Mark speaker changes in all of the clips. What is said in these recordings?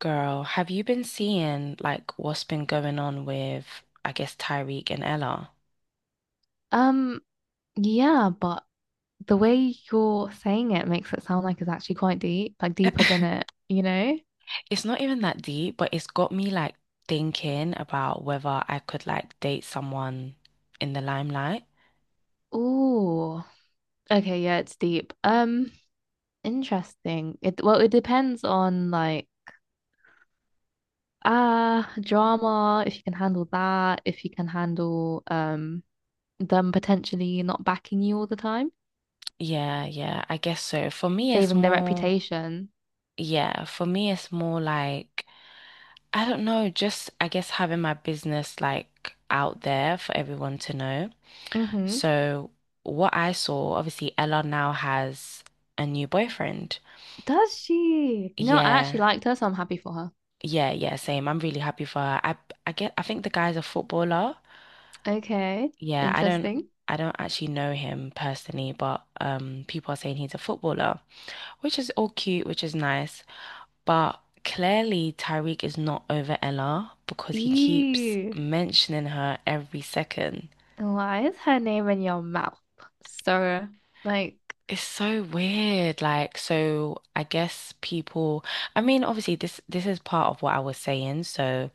Speaker 1: Girl, have you been seeing like what's been going on with, I guess, Tyreek and Ella?
Speaker 2: Um, yeah, but the way you're saying it makes it sound like it's actually quite deep, like deeper than it, you know?
Speaker 1: It's not even that deep, but it's got me like thinking about whether I could like date someone in the limelight.
Speaker 2: Ooh. Okay, yeah, it's deep. Interesting. It well, it depends on drama, if you can handle that, if you can handle them potentially not backing you all the time,
Speaker 1: Yeah, yeah, I guess so. For me, it's
Speaker 2: saving their
Speaker 1: more,
Speaker 2: reputation.
Speaker 1: yeah, for me, it's more like, I don't know, just I guess having my business like out there for everyone to know.
Speaker 2: Mm-hmm.
Speaker 1: So, what I saw, obviously, Ella now has a new boyfriend.
Speaker 2: Does she? You know, I actually
Speaker 1: Yeah,
Speaker 2: liked her, so I'm happy for her.
Speaker 1: yeah, yeah, same. I'm really happy for her. I think the guy's a footballer.
Speaker 2: Okay,
Speaker 1: Yeah, I don't
Speaker 2: interesting.
Speaker 1: I don't actually know him personally, but people are saying he's a footballer, which is all cute, which is nice. But clearly Tyreek is not over Ella because he keeps
Speaker 2: Ew.
Speaker 1: mentioning her every second.
Speaker 2: Why is her name in your mouth? So, like,
Speaker 1: It's so weird. Like, so I guess people, I mean, obviously this is part of what I was saying. So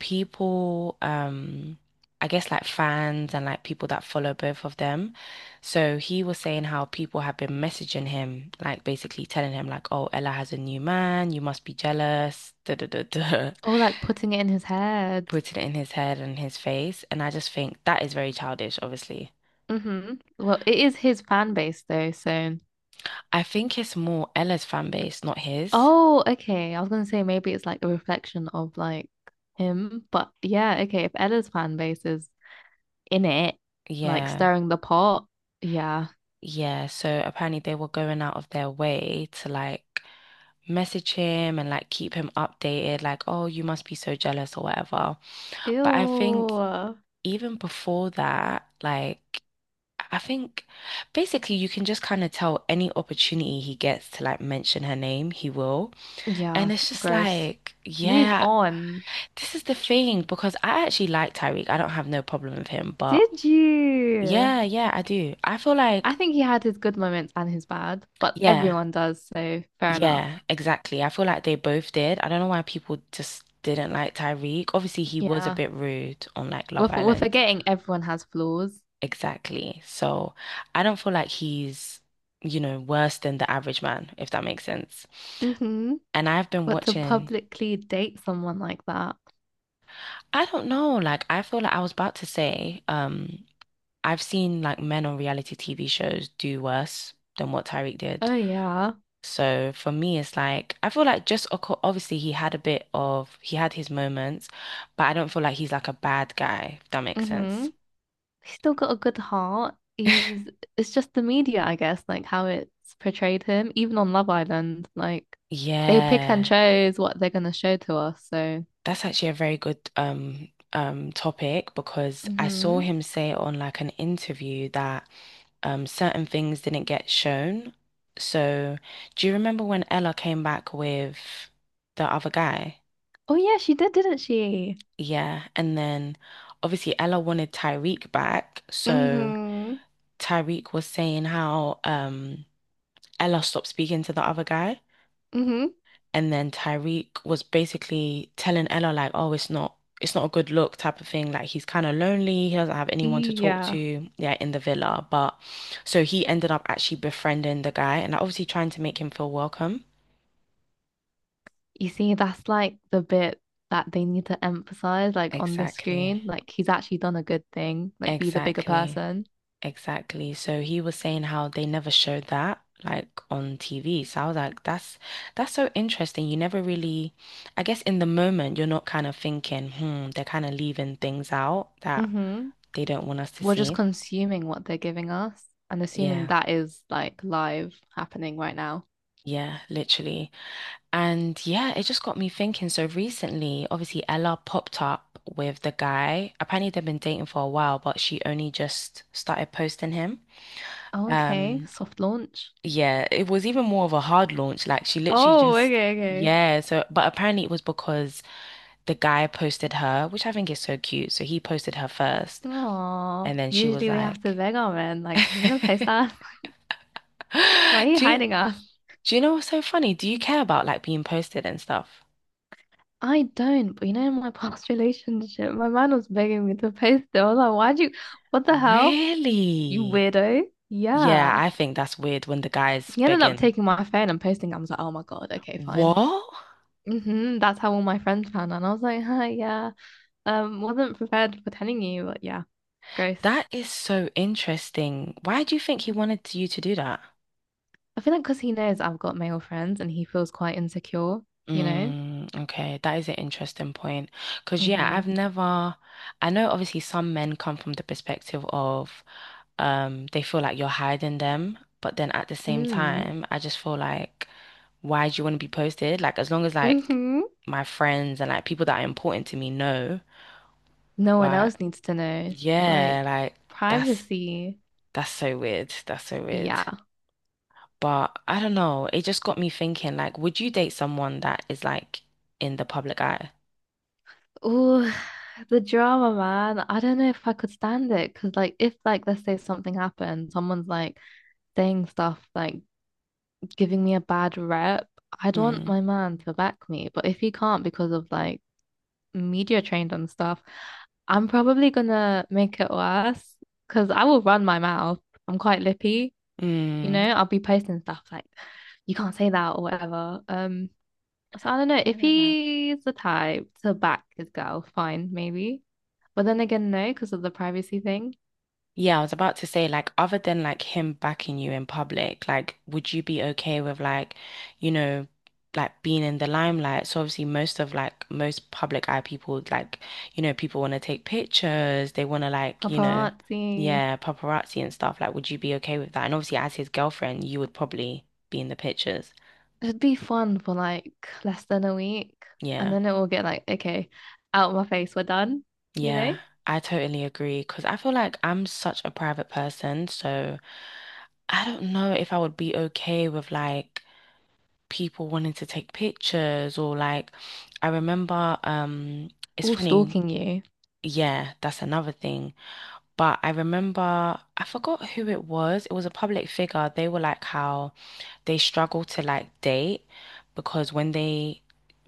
Speaker 1: people, I guess like fans and like people that follow both of them. So he was saying how people have been messaging him, like basically telling him like, "Oh, Ella has a new man. You must be jealous." Da da da da.
Speaker 2: oh, like putting it in his head.
Speaker 1: Putting it in his head and his face, and I just think that is very childish, obviously.
Speaker 2: Mm-hmm. Well, it is his fan base though. So,
Speaker 1: I think it's more Ella's fan base, not his.
Speaker 2: oh, okay. I was gonna say maybe it's like a reflection of like him, but yeah, okay. If Ella's fan base is in it, like
Speaker 1: Yeah.
Speaker 2: stirring the pot, yeah.
Speaker 1: Yeah, so apparently they were going out of their way to like message him and like keep him updated, like, oh, you must be so jealous or whatever. But I think
Speaker 2: Ew.
Speaker 1: even before that, like, I think basically you can just kind of tell any opportunity he gets to like mention her name, he will.
Speaker 2: Yeah,
Speaker 1: And it's just
Speaker 2: gross.
Speaker 1: like,
Speaker 2: Move
Speaker 1: yeah,
Speaker 2: on.
Speaker 1: this is the thing because I actually like Tyreek. I don't have no problem with him, but
Speaker 2: Did you?
Speaker 1: yeah, yeah, I do. I feel like,
Speaker 2: I think he had his good moments and his bad, but
Speaker 1: yeah.
Speaker 2: everyone does, so fair enough.
Speaker 1: Yeah, exactly. I feel like they both did. I don't know why people just didn't like Tyreek. Obviously, he was a
Speaker 2: Yeah.
Speaker 1: bit rude on like Love
Speaker 2: We're
Speaker 1: Island.
Speaker 2: forgetting everyone has flaws.
Speaker 1: Exactly. So I don't feel like he's, worse than the average man, if that makes sense.
Speaker 2: Hmm
Speaker 1: And I've been
Speaker 2: But to
Speaker 1: watching,
Speaker 2: publicly date someone like that.
Speaker 1: I don't know, like I feel like I was about to say, I've seen like men on reality TV shows do worse than what Tyreek did.
Speaker 2: Oh yeah.
Speaker 1: So for me, it's like I feel like just obviously he had a bit of he had his moments, but I don't feel like he's like a bad guy, if that makes
Speaker 2: hmm
Speaker 1: sense.
Speaker 2: He's still got a good heart. He's it's just the media, I guess, like how it's portrayed him, even on Love Island, like they pick and
Speaker 1: Yeah,
Speaker 2: chose what they're gonna show to us. So
Speaker 1: that's actually a very good topic because I saw
Speaker 2: hmm
Speaker 1: him say on like an interview that certain things didn't get shown. So do you remember when Ella came back with the other guy?
Speaker 2: oh yeah, she did, didn't she?
Speaker 1: Yeah, and then obviously Ella wanted Tyreek back, so.
Speaker 2: Hmm
Speaker 1: Tyreek was saying how Ella stopped speaking to the other guy
Speaker 2: hmm
Speaker 1: and then Tyreek was basically telling Ella like, oh, it's not a good look type of thing. Like he's kind of lonely, he doesn't have anyone to talk
Speaker 2: Yeah.
Speaker 1: to, yeah, in the villa. But so he ended up actually befriending the guy and obviously trying to make him feel welcome.
Speaker 2: You see, that's like the bit that they need to emphasize, like on the
Speaker 1: Exactly.
Speaker 2: screen. Like he's actually done a good thing, like be the bigger
Speaker 1: Exactly.
Speaker 2: person.
Speaker 1: Exactly. So he was saying how they never showed that like on TV. So I was like, that's so interesting. You never really, I guess in the moment you're not kind of thinking, they're kind of leaving things out that
Speaker 2: Mm-hmm.
Speaker 1: they don't want us to
Speaker 2: We're just
Speaker 1: see.
Speaker 2: consuming what they're giving us and assuming
Speaker 1: Yeah.
Speaker 2: that is like live happening right now.
Speaker 1: Yeah, literally. And yeah, it just got me thinking. So recently, obviously Ella popped up with the guy. Apparently they've been dating for a while, but she only just started posting him.
Speaker 2: Oh, okay,
Speaker 1: Um,
Speaker 2: soft launch.
Speaker 1: Yeah, it was even more of a hard launch. Like she literally
Speaker 2: Oh,
Speaker 1: just,
Speaker 2: okay, okay.
Speaker 1: yeah. So, but apparently it was because the guy posted her, which I think is so cute. So he posted her first, and
Speaker 2: Oh,
Speaker 1: then she was
Speaker 2: usually we have to
Speaker 1: like,
Speaker 2: beg our men, like, are you gonna post that? Why are you
Speaker 1: "Do you,
Speaker 2: hiding us?
Speaker 1: do you know what's so funny? Do you care about like being posted and stuff?"
Speaker 2: I don't, but you know, in my past relationship, my man was begging me to post it. I was like, what the hell? You
Speaker 1: Really?
Speaker 2: weirdo.
Speaker 1: Yeah,
Speaker 2: Yeah.
Speaker 1: I think that's weird when the guy's
Speaker 2: He ended up
Speaker 1: begging.
Speaker 2: taking my phone and posting it. I was like, oh my God, okay, fine.
Speaker 1: What?
Speaker 2: Hmm That's how all my friends found out. And I was like, hi, yeah. Wasn't prepared for telling you, but yeah, gross.
Speaker 1: That is so interesting. Why do you think he wanted you to do that?
Speaker 2: I feel like because he knows I've got male friends and he feels quite insecure, you know?
Speaker 1: Mm, okay, that is an interesting point. Because, yeah,
Speaker 2: Mm-hmm.
Speaker 1: I've never, I know obviously some men come from the perspective of they feel like you're hiding them, but then at the same
Speaker 2: Mm.
Speaker 1: time, I just feel like, why do you want to be posted? Like, as long as like
Speaker 2: Mm-hmm.
Speaker 1: my friends and like people that are important to me know,
Speaker 2: No one
Speaker 1: but
Speaker 2: else needs to know.
Speaker 1: yeah,
Speaker 2: Like,
Speaker 1: like that's
Speaker 2: privacy.
Speaker 1: that's so weird. That's so weird.
Speaker 2: Yeah.
Speaker 1: But I don't know, it just got me thinking, like, would you date someone that is like in the public eye?
Speaker 2: Oh, the drama, man. I don't know if I could stand it because, like, if, like, let's say something happened, someone's like saying stuff, like giving me a bad rep, I'd want my man to back me. But if he can't because of like media trained and stuff, I'm probably gonna make it worse because I will run my mouth. I'm quite lippy, you
Speaker 1: Mm,
Speaker 2: know, I'll be posting stuff like, you can't say that or whatever. So I don't know
Speaker 1: I
Speaker 2: if
Speaker 1: get that.
Speaker 2: he's the type to back his girl, fine, maybe. But then again, no, because of the privacy thing.
Speaker 1: Yeah, I was about to say, like, other than like him backing you in public, like, would you be okay with like, you know, like being in the limelight? So obviously, most of like most public eye people, like, people want to take pictures, they want to like,
Speaker 2: Paparazzi.
Speaker 1: yeah, paparazzi and stuff. Like, would you be okay with that? And obviously, as his girlfriend, you would probably be in the pictures.
Speaker 2: It'd be fun for like less than a week. And
Speaker 1: Yeah,
Speaker 2: then it will get like, okay, out of my face, we're done, you know?
Speaker 1: yeah, I totally agree because I feel like I'm such a private person, so. I don't know if I would be okay with like people wanting to take pictures or like I remember it's
Speaker 2: All
Speaker 1: funny,
Speaker 2: stalking you.
Speaker 1: yeah, that's another thing. But I remember, I forgot who it was. It was a public figure. They were like how they struggle to like date because when they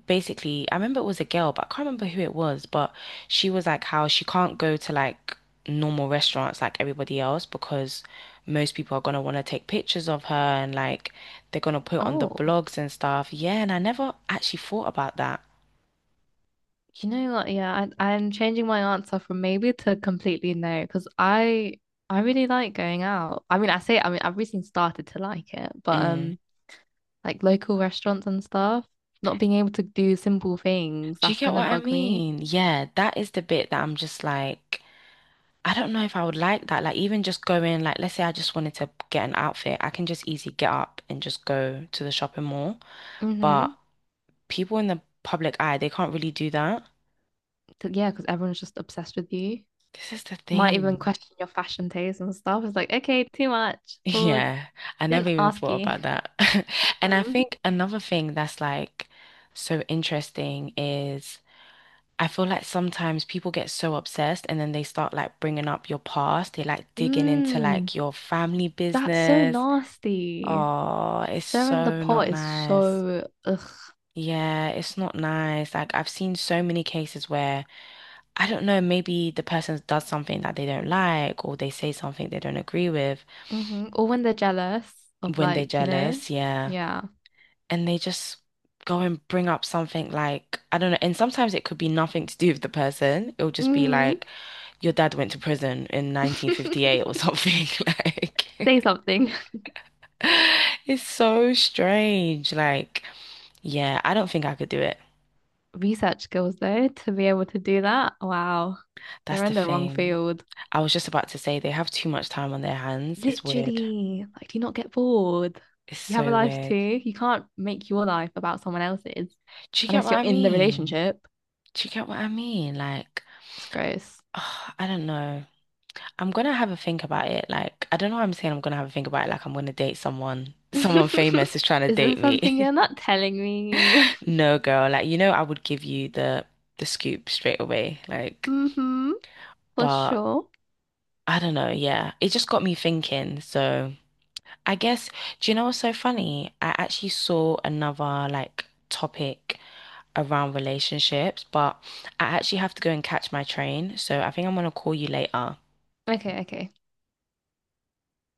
Speaker 1: basically, I remember it was a girl, but I can't remember who it was. But she was like how she can't go to like normal restaurants like everybody else because most people are gonna want to take pictures of her and like they're gonna put on the
Speaker 2: Oh,
Speaker 1: blogs and stuff. Yeah, and I never actually thought about that.
Speaker 2: you know what? Yeah, I'm changing my answer from maybe to completely no, because I really like going out. I mean, I've recently started to like it, but
Speaker 1: Mm.
Speaker 2: like local restaurants and stuff, not being able to do simple things,
Speaker 1: Do you
Speaker 2: that's
Speaker 1: get
Speaker 2: gonna
Speaker 1: what I
Speaker 2: bug me.
Speaker 1: mean? Yeah, that is the bit that I'm just like. I don't know if I would like that. Like even just going, like let's say I just wanted to get an outfit, I can just easily get up and just go to the shopping mall. But
Speaker 2: Mm-hmm.
Speaker 1: people in the public eye, they can't really do that.
Speaker 2: to, yeah, because everyone's just obsessed with you.
Speaker 1: This is the
Speaker 2: Might even
Speaker 1: thing.
Speaker 2: question your fashion taste and stuff. It's like, okay, too much. Pause.
Speaker 1: Yeah, I never
Speaker 2: Didn't
Speaker 1: even
Speaker 2: ask
Speaker 1: thought
Speaker 2: you.
Speaker 1: about that. And I
Speaker 2: Mhm.
Speaker 1: think another thing that's like so interesting is I feel like sometimes people get so obsessed and then they start like bringing up your past. They like digging into
Speaker 2: Mm,
Speaker 1: like your family
Speaker 2: that's so
Speaker 1: business.
Speaker 2: nasty.
Speaker 1: Oh, it's
Speaker 2: Stirring the
Speaker 1: so not
Speaker 2: pot is
Speaker 1: nice.
Speaker 2: so ugh.
Speaker 1: Yeah, it's not nice. Like I've seen so many cases where I don't know, maybe the person does something that they don't like or they say something they don't agree with
Speaker 2: Hmm Or when they're jealous of
Speaker 1: when they're
Speaker 2: like, you know,
Speaker 1: jealous, yeah.
Speaker 2: yeah.
Speaker 1: And they just go and bring up something like I don't know, and sometimes it could be nothing to do with the person. It'll just be
Speaker 2: Mhm.
Speaker 1: like your dad went to prison in 1958 or something like
Speaker 2: Say something.
Speaker 1: It's so strange. Like, yeah, I don't think I could do it.
Speaker 2: Research skills though, to be able to do that. Wow.
Speaker 1: That's
Speaker 2: They're
Speaker 1: the
Speaker 2: in the wrong
Speaker 1: thing.
Speaker 2: field.
Speaker 1: I was just about to say they have too much time on their hands. It's weird.
Speaker 2: Literally, like, do you not get bored?
Speaker 1: It's
Speaker 2: You have a
Speaker 1: so
Speaker 2: life too.
Speaker 1: weird.
Speaker 2: You can't make your life about someone else's
Speaker 1: Do you get
Speaker 2: unless
Speaker 1: what
Speaker 2: you're
Speaker 1: I
Speaker 2: in the
Speaker 1: mean?
Speaker 2: relationship.
Speaker 1: Do you get what I mean? Like,
Speaker 2: It's gross.
Speaker 1: I don't know. I'm gonna have a think about it. Like, I don't know why I'm saying I'm gonna have a think about it. Like, I'm gonna date someone. Someone famous is trying to
Speaker 2: Is there
Speaker 1: date
Speaker 2: something
Speaker 1: me.
Speaker 2: you're not telling me?
Speaker 1: No, girl. Like, I would give you the scoop straight away. Like,
Speaker 2: Mm-hmm, for
Speaker 1: but
Speaker 2: sure.
Speaker 1: I don't know. Yeah, it just got me thinking. So. I guess, do you know what's so funny? I actually saw another like topic around relationships, but I actually have to go and catch my train. So I think I'm gonna call you later.
Speaker 2: Okay, okay.